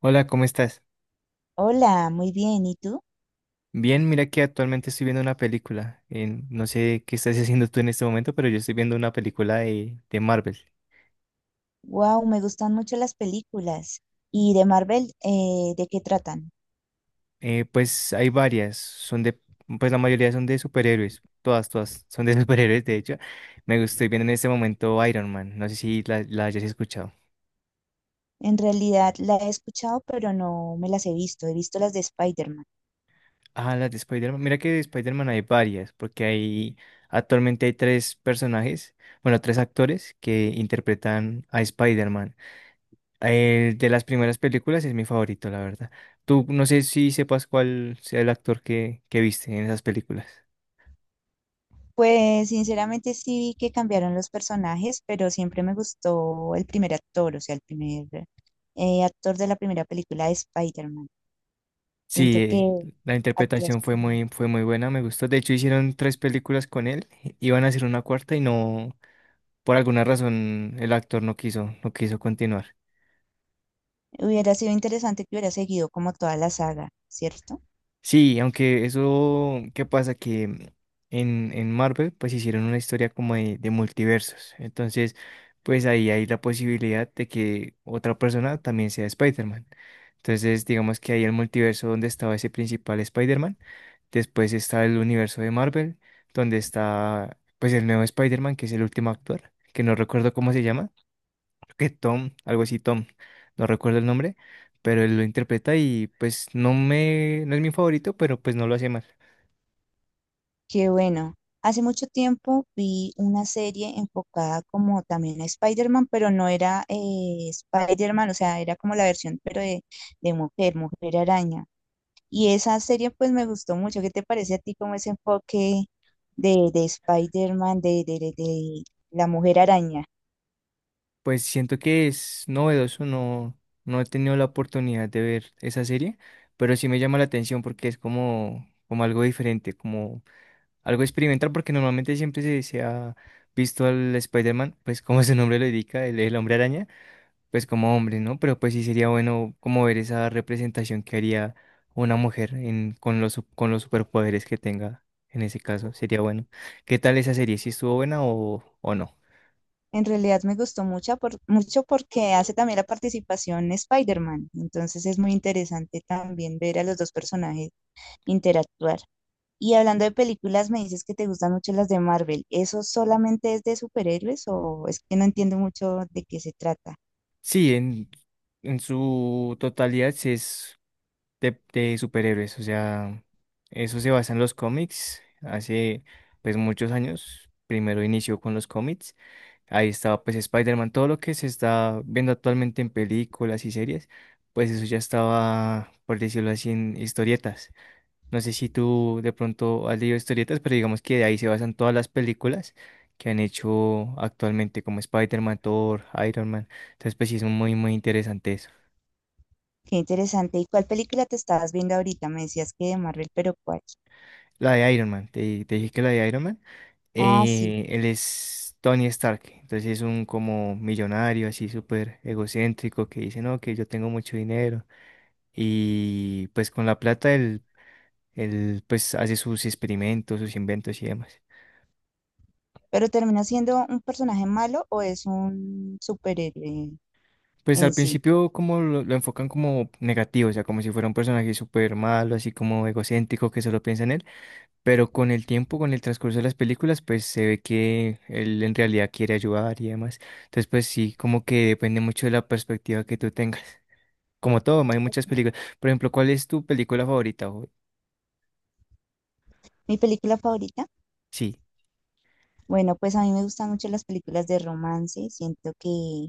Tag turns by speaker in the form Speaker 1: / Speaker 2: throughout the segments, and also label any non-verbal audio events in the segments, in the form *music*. Speaker 1: Hola, ¿cómo estás?
Speaker 2: Hola, muy bien. ¿Y tú?
Speaker 1: Bien, mira que actualmente estoy viendo una película. No sé qué estás haciendo tú en este momento, pero yo estoy viendo una película de Marvel.
Speaker 2: Wow, me gustan mucho las películas. ¿Y de Marvel, de qué tratan?
Speaker 1: Pues hay varias, son de, pues la mayoría son de superhéroes, todas, todas son de *laughs* superhéroes, de hecho. Me estoy viendo en este momento Iron Man, no sé si la hayas escuchado.
Speaker 2: En realidad la he escuchado, pero no me las he visto. He visto las de Spider-Man.
Speaker 1: Ah, las de Spider-Man, mira que de Spider-Man hay varias, porque hay, actualmente hay tres personajes, bueno, tres actores que interpretan a Spider-Man. De las primeras películas es mi favorito, la verdad. Tú no sé si sepas cuál sea el actor que viste en esas películas.
Speaker 2: Pues sinceramente sí vi que cambiaron los personajes, pero siempre me gustó el primer actor, o sea, el primer actor de la primera película de Spider-Man.
Speaker 1: Sí,
Speaker 2: Siento que
Speaker 1: la
Speaker 2: actuó
Speaker 1: interpretación
Speaker 2: súper bien.
Speaker 1: fue muy buena, me gustó. De hecho, hicieron tres películas con él, iban a hacer una cuarta y no, por alguna razón, el actor no quiso, no quiso continuar.
Speaker 2: Hubiera sido interesante que hubiera seguido como toda la saga, ¿cierto?
Speaker 1: Sí, aunque eso, ¿qué pasa? Que en Marvel pues hicieron una historia como de multiversos. Entonces, pues ahí hay la posibilidad de que otra persona también sea Spider-Man. Entonces, digamos que ahí el multiverso donde estaba ese principal Spider-Man. Después está el universo de Marvel, donde está pues el nuevo Spider-Man, que es el último actor, que no recuerdo cómo se llama que Tom, algo así, Tom, no recuerdo el nombre, pero él lo interpreta y pues no me, no es mi favorito, pero pues no lo hace mal.
Speaker 2: Qué bueno. Hace mucho tiempo vi una serie enfocada como también a Spider-Man, pero no era Spider-Man, o sea, era como la versión, pero de mujer, mujer araña. Y esa serie pues me gustó mucho. ¿Qué te parece a ti como ese enfoque de Spider-Man, de la mujer araña?
Speaker 1: Pues siento que es novedoso, no, no he tenido la oportunidad de ver esa serie, pero sí me llama la atención porque es como, como algo diferente, como algo experimental, porque normalmente siempre se, se ha visto al Spider-Man, pues como su nombre lo indica, el hombre araña, pues como hombre, ¿no? Pero pues sí sería bueno como ver esa representación que haría una mujer en, con los, con los superpoderes que tenga en ese caso, sería bueno. ¿Qué tal esa serie? ¿Si estuvo buena o no?
Speaker 2: En realidad me gustó mucho, mucho porque hace también la participación Spider-Man. Entonces es muy interesante también ver a los dos personajes interactuar. Y hablando de películas, me dices que te gustan mucho las de Marvel. ¿Eso solamente es de superhéroes o es que no entiendo mucho de qué se trata?
Speaker 1: Sí, en su totalidad sí es de superhéroes, o sea, eso se basa en los cómics, hace pues muchos años, primero inició con los cómics. Ahí estaba pues Spider-Man, todo lo que se está viendo actualmente en películas y series, pues eso ya estaba, por decirlo así, en historietas. No sé si tú de pronto has leído historietas, pero digamos que de ahí se basan todas las películas que han hecho actualmente, como Spider-Man, Thor, Iron Man. Entonces pues sí es muy, muy interesante eso.
Speaker 2: Qué interesante. ¿Y cuál película te estabas viendo ahorita? Me decías que de Marvel, pero ¿cuál?
Speaker 1: La de Iron Man, te dije que la de Iron Man,
Speaker 2: Ah, sí.
Speaker 1: él es Tony Stark, entonces es un como millonario así súper egocéntrico que dice, no, que yo tengo mucho dinero y pues con la plata él, él, pues hace sus experimentos, sus inventos y demás.
Speaker 2: ¿Pero termina siendo un personaje malo o es un superhéroe
Speaker 1: Pues
Speaker 2: en
Speaker 1: al
Speaker 2: sí?
Speaker 1: principio como lo enfocan como negativo, o sea, como si fuera un personaje súper malo, así como egocéntrico que solo piensa en él, pero con el tiempo, con el transcurso de las películas, pues se ve que él en realidad quiere ayudar y demás. Entonces, pues sí, como que depende mucho de la perspectiva que tú tengas. Como todo, hay muchas películas. Por ejemplo, ¿cuál es tu película favorita? ¿Jue?
Speaker 2: Mi película favorita,
Speaker 1: Sí.
Speaker 2: bueno, pues a mí me gustan mucho las películas de romance, siento que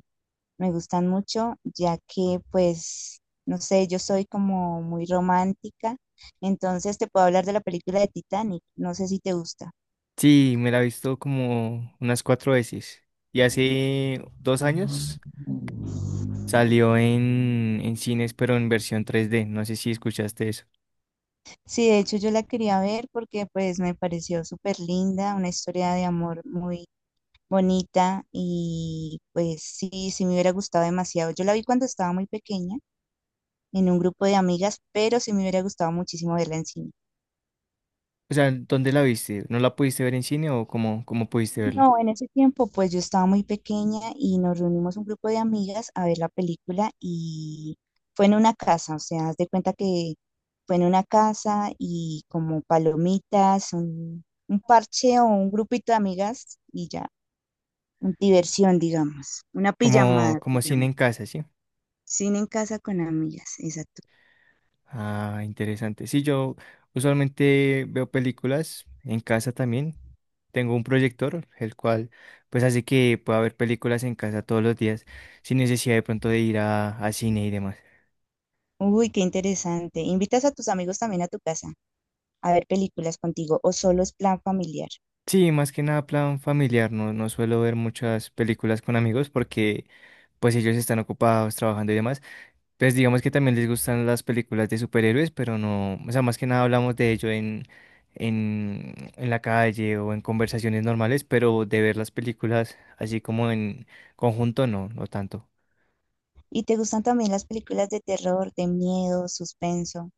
Speaker 2: me gustan mucho, ya que pues, no sé, yo soy como muy romántica, entonces te puedo hablar de la película de Titanic, no sé si te gusta.
Speaker 1: Sí, me la he visto como unas cuatro veces. Y hace dos años salió en cines, pero en versión 3D. No sé si escuchaste eso.
Speaker 2: Sí, de hecho yo la quería ver porque pues me pareció súper linda, una historia de amor muy bonita y pues sí, sí me hubiera gustado demasiado. Yo la vi cuando estaba muy pequeña en un grupo de amigas, pero sí me hubiera gustado muchísimo verla en cine.
Speaker 1: O sea, ¿dónde la viste? ¿No la pudiste ver en cine o cómo, cómo pudiste verla?
Speaker 2: No, en ese tiempo pues yo estaba muy pequeña y nos reunimos un grupo de amigas a ver la película y fue en una casa, o sea, haz de cuenta que fue en una casa y como palomitas, un parche o un grupito de amigas y ya, un diversión, digamos, una
Speaker 1: Como,
Speaker 2: pijamada,
Speaker 1: como cine
Speaker 2: pijama.
Speaker 1: en casa, ¿sí?
Speaker 2: Cine en casa con amigas, exacto.
Speaker 1: Ah, interesante. Sí, yo usualmente veo películas en casa también. Tengo un proyector, el cual pues hace que pueda ver películas en casa todos los días, sin necesidad de pronto de ir a cine y demás.
Speaker 2: Uy, qué interesante. ¿Invitas a tus amigos también a tu casa a ver películas contigo o solo es plan familiar?
Speaker 1: Sí, más que nada plan familiar, no, no suelo ver muchas películas con amigos porque pues ellos están ocupados trabajando y demás. Pues digamos que también les gustan las películas de superhéroes, pero no, o sea, más que nada hablamos de ello en la calle o en conversaciones normales, pero de ver las películas así como en conjunto, no, no tanto.
Speaker 2: ¿Y te gustan también las películas de terror, de miedo, suspenso?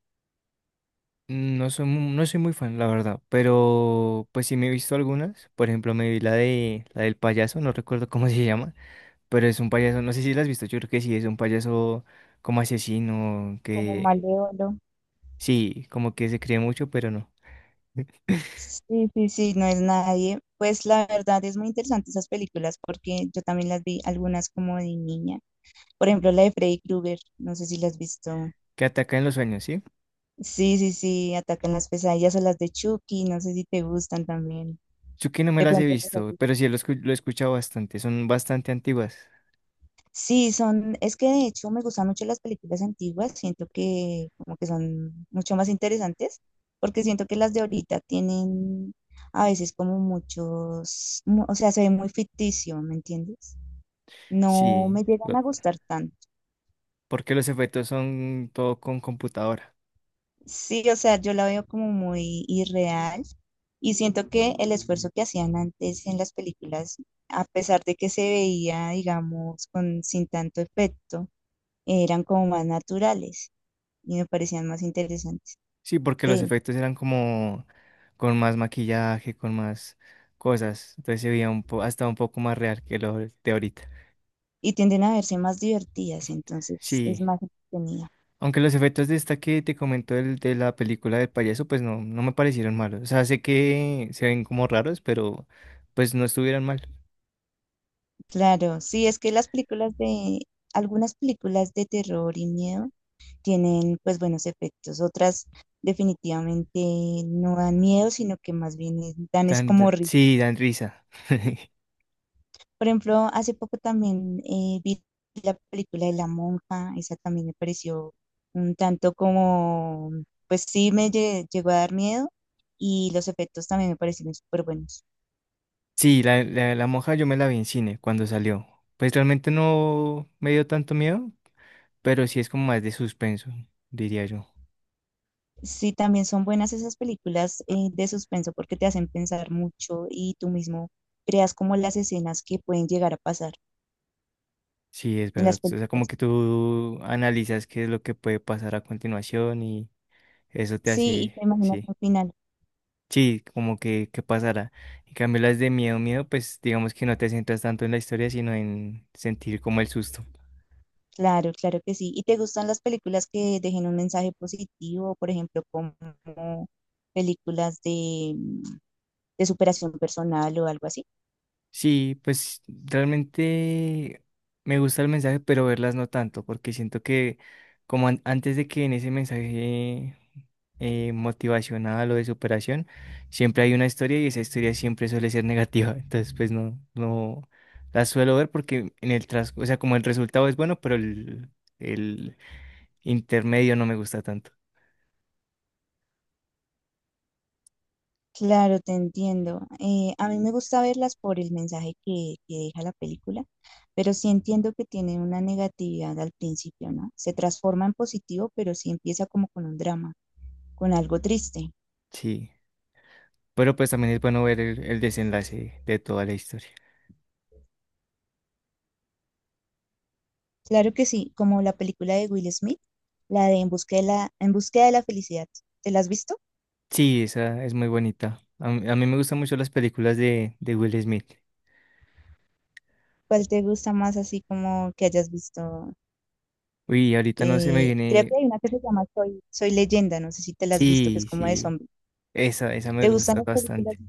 Speaker 1: No soy, no soy muy fan, la verdad, pero pues sí me he visto algunas. Por ejemplo, me vi la de la del payaso, no recuerdo cómo se llama. Pero es un payaso, no sé si lo has visto, yo creo que sí, es un payaso como asesino,
Speaker 2: Como
Speaker 1: que
Speaker 2: Malévolo.
Speaker 1: sí, como que se cree mucho, pero no,
Speaker 2: Sí, sí, sí, no es nadie. Pues la verdad es muy interesante esas películas porque yo también las vi algunas como de niña. Por ejemplo, la de Freddy Krueger, no sé si las has visto.
Speaker 1: que ataca en los sueños, ¿sí?
Speaker 2: Sí, sí, sí, atacan las pesadillas o las de Chucky, no sé si te gustan también.
Speaker 1: Yo que no me
Speaker 2: De
Speaker 1: las he
Speaker 2: pronto
Speaker 1: visto, pero sí lo, lo he escuchado bastante, son bastante antiguas,
Speaker 2: sí, son, es que de hecho me gustan mucho las películas antiguas, siento que como que son mucho más interesantes, porque siento que las de ahorita tienen a veces como o sea, se ve muy ficticio, ¿me entiendes? No
Speaker 1: sí,
Speaker 2: me llegan
Speaker 1: lo-
Speaker 2: a gustar tanto.
Speaker 1: porque los efectos son todo con computadora,
Speaker 2: Sí, o sea, yo la veo como muy irreal y siento que el esfuerzo que hacían antes en las películas, a pesar de que se veía, digamos, con, sin tanto efecto, eran como más naturales. Y me parecían más interesantes
Speaker 1: sí, porque los
Speaker 2: de.
Speaker 1: efectos eran como con más maquillaje, con más cosas, entonces se veía un hasta un poco más real que lo de ahorita,
Speaker 2: Y tienden a verse más divertidas, entonces es
Speaker 1: sí.
Speaker 2: más entretenida.
Speaker 1: Aunque los efectos de esta que te comento de la película del payaso, pues no, no me parecieron malos. O sea, sé que se ven como raros, pero pues no estuvieran mal.
Speaker 2: Claro, sí, es que las películas algunas películas de terror y miedo tienen pues buenos efectos, otras definitivamente no dan miedo, sino que más bien dan es como risa.
Speaker 1: Sí, dan risa. *laughs*
Speaker 2: Por ejemplo, hace poco también vi la película de La Monja, esa también me pareció un tanto como, pues sí me llegó a dar miedo y los efectos también me parecieron súper buenos.
Speaker 1: Sí, la monja yo me la vi en cine cuando salió. Pues realmente no me dio tanto miedo, pero sí es como más de suspenso, diría yo.
Speaker 2: Sí, también son buenas esas películas de suspenso porque te hacen pensar mucho y tú mismo creas como las escenas que pueden llegar a pasar
Speaker 1: Sí, es
Speaker 2: en
Speaker 1: verdad.
Speaker 2: las
Speaker 1: O sea, como
Speaker 2: películas.
Speaker 1: que tú analizas qué es lo que puede pasar a continuación y eso te
Speaker 2: Sí, y te
Speaker 1: hace,
Speaker 2: imaginas
Speaker 1: sí.
Speaker 2: al final.
Speaker 1: Sí, como que pasara. En cambio, las de miedo, miedo, pues digamos que no te centras tanto en la historia, sino en sentir como el susto.
Speaker 2: Claro, claro que sí. ¿Y te gustan las películas que dejen un mensaje positivo, por ejemplo, como películas de superación personal o algo así?
Speaker 1: Sí, pues realmente me gusta el mensaje, pero verlas no tanto, porque siento que como antes de que en ese mensaje motivacional o de superación, siempre hay una historia y esa historia siempre suele ser negativa. *laughs* Entonces, pues no, no las suelo ver porque en el tras, o sea, como el resultado es bueno, pero el intermedio no me gusta tanto.
Speaker 2: Claro, te entiendo. A mí me gusta verlas por el mensaje que deja la película, pero sí entiendo que tiene una negatividad al principio, ¿no? Se transforma en positivo, pero sí empieza como con un drama, con algo triste.
Speaker 1: Sí, pero pues también es bueno ver el desenlace de toda la historia.
Speaker 2: Claro que sí, como la película de Will Smith, la de En búsqueda de la felicidad. ¿Te la has visto?
Speaker 1: Sí, esa es muy bonita. A mí me gustan mucho las películas de Will Smith.
Speaker 2: ¿Cuál te gusta más así como que hayas visto?
Speaker 1: Uy, ahorita no se me
Speaker 2: Creo
Speaker 1: viene.
Speaker 2: que hay una que se llama Soy Leyenda, no sé si te la has visto, que es
Speaker 1: Sí,
Speaker 2: como de
Speaker 1: sí,
Speaker 2: zombies.
Speaker 1: esa me
Speaker 2: ¿Te gustan
Speaker 1: gusta
Speaker 2: las películas
Speaker 1: bastante.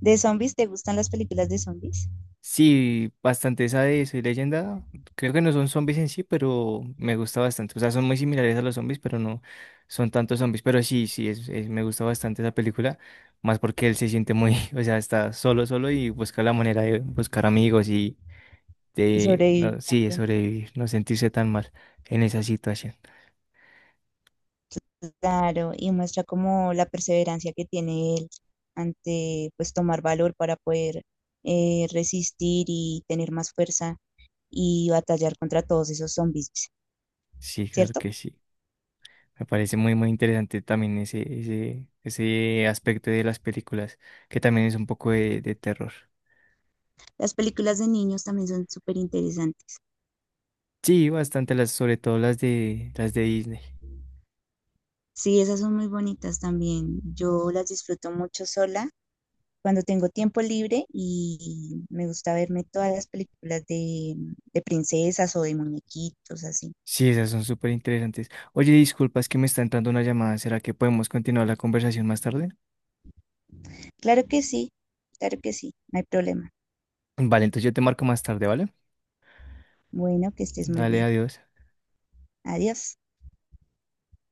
Speaker 2: de zombies? ¿Te gustan las películas de zombies?
Speaker 1: Sí, bastante esa de Soy Leyenda. Creo que no son zombies en sí, pero me gusta bastante. O sea, son muy similares a los zombies, pero no son tantos zombies. Pero sí, sí, me gusta bastante esa película. Más porque él se siente muy, *laughs* o sea, está solo, solo y busca la manera de buscar amigos y
Speaker 2: Y
Speaker 1: de,
Speaker 2: sobrevivir
Speaker 1: no, sí, de
Speaker 2: también,
Speaker 1: sobrevivir, no sentirse tan mal en esa situación.
Speaker 2: claro, y muestra como la perseverancia que tiene él ante pues tomar valor para poder resistir y tener más fuerza y batallar contra todos esos zombies,
Speaker 1: Sí, claro
Speaker 2: ¿cierto?
Speaker 1: que sí. Me parece muy, muy interesante también ese aspecto de las películas, que también es un poco de terror.
Speaker 2: Las películas de niños también son súper interesantes.
Speaker 1: Sí, bastante las, sobre todo las de Disney.
Speaker 2: Sí, esas son muy bonitas también. Yo las disfruto mucho sola cuando tengo tiempo libre y me gusta verme todas las películas de princesas o de muñequitos, así.
Speaker 1: Sí, esas son súper interesantes. Oye, disculpa, es que me está entrando una llamada. ¿Será que podemos continuar la conversación más tarde?
Speaker 2: Claro que sí, claro que sí, no hay problema.
Speaker 1: Vale, entonces yo te marco más tarde, ¿vale?
Speaker 2: Bueno, que estés muy
Speaker 1: Dale,
Speaker 2: bien.
Speaker 1: adiós.
Speaker 2: Adiós.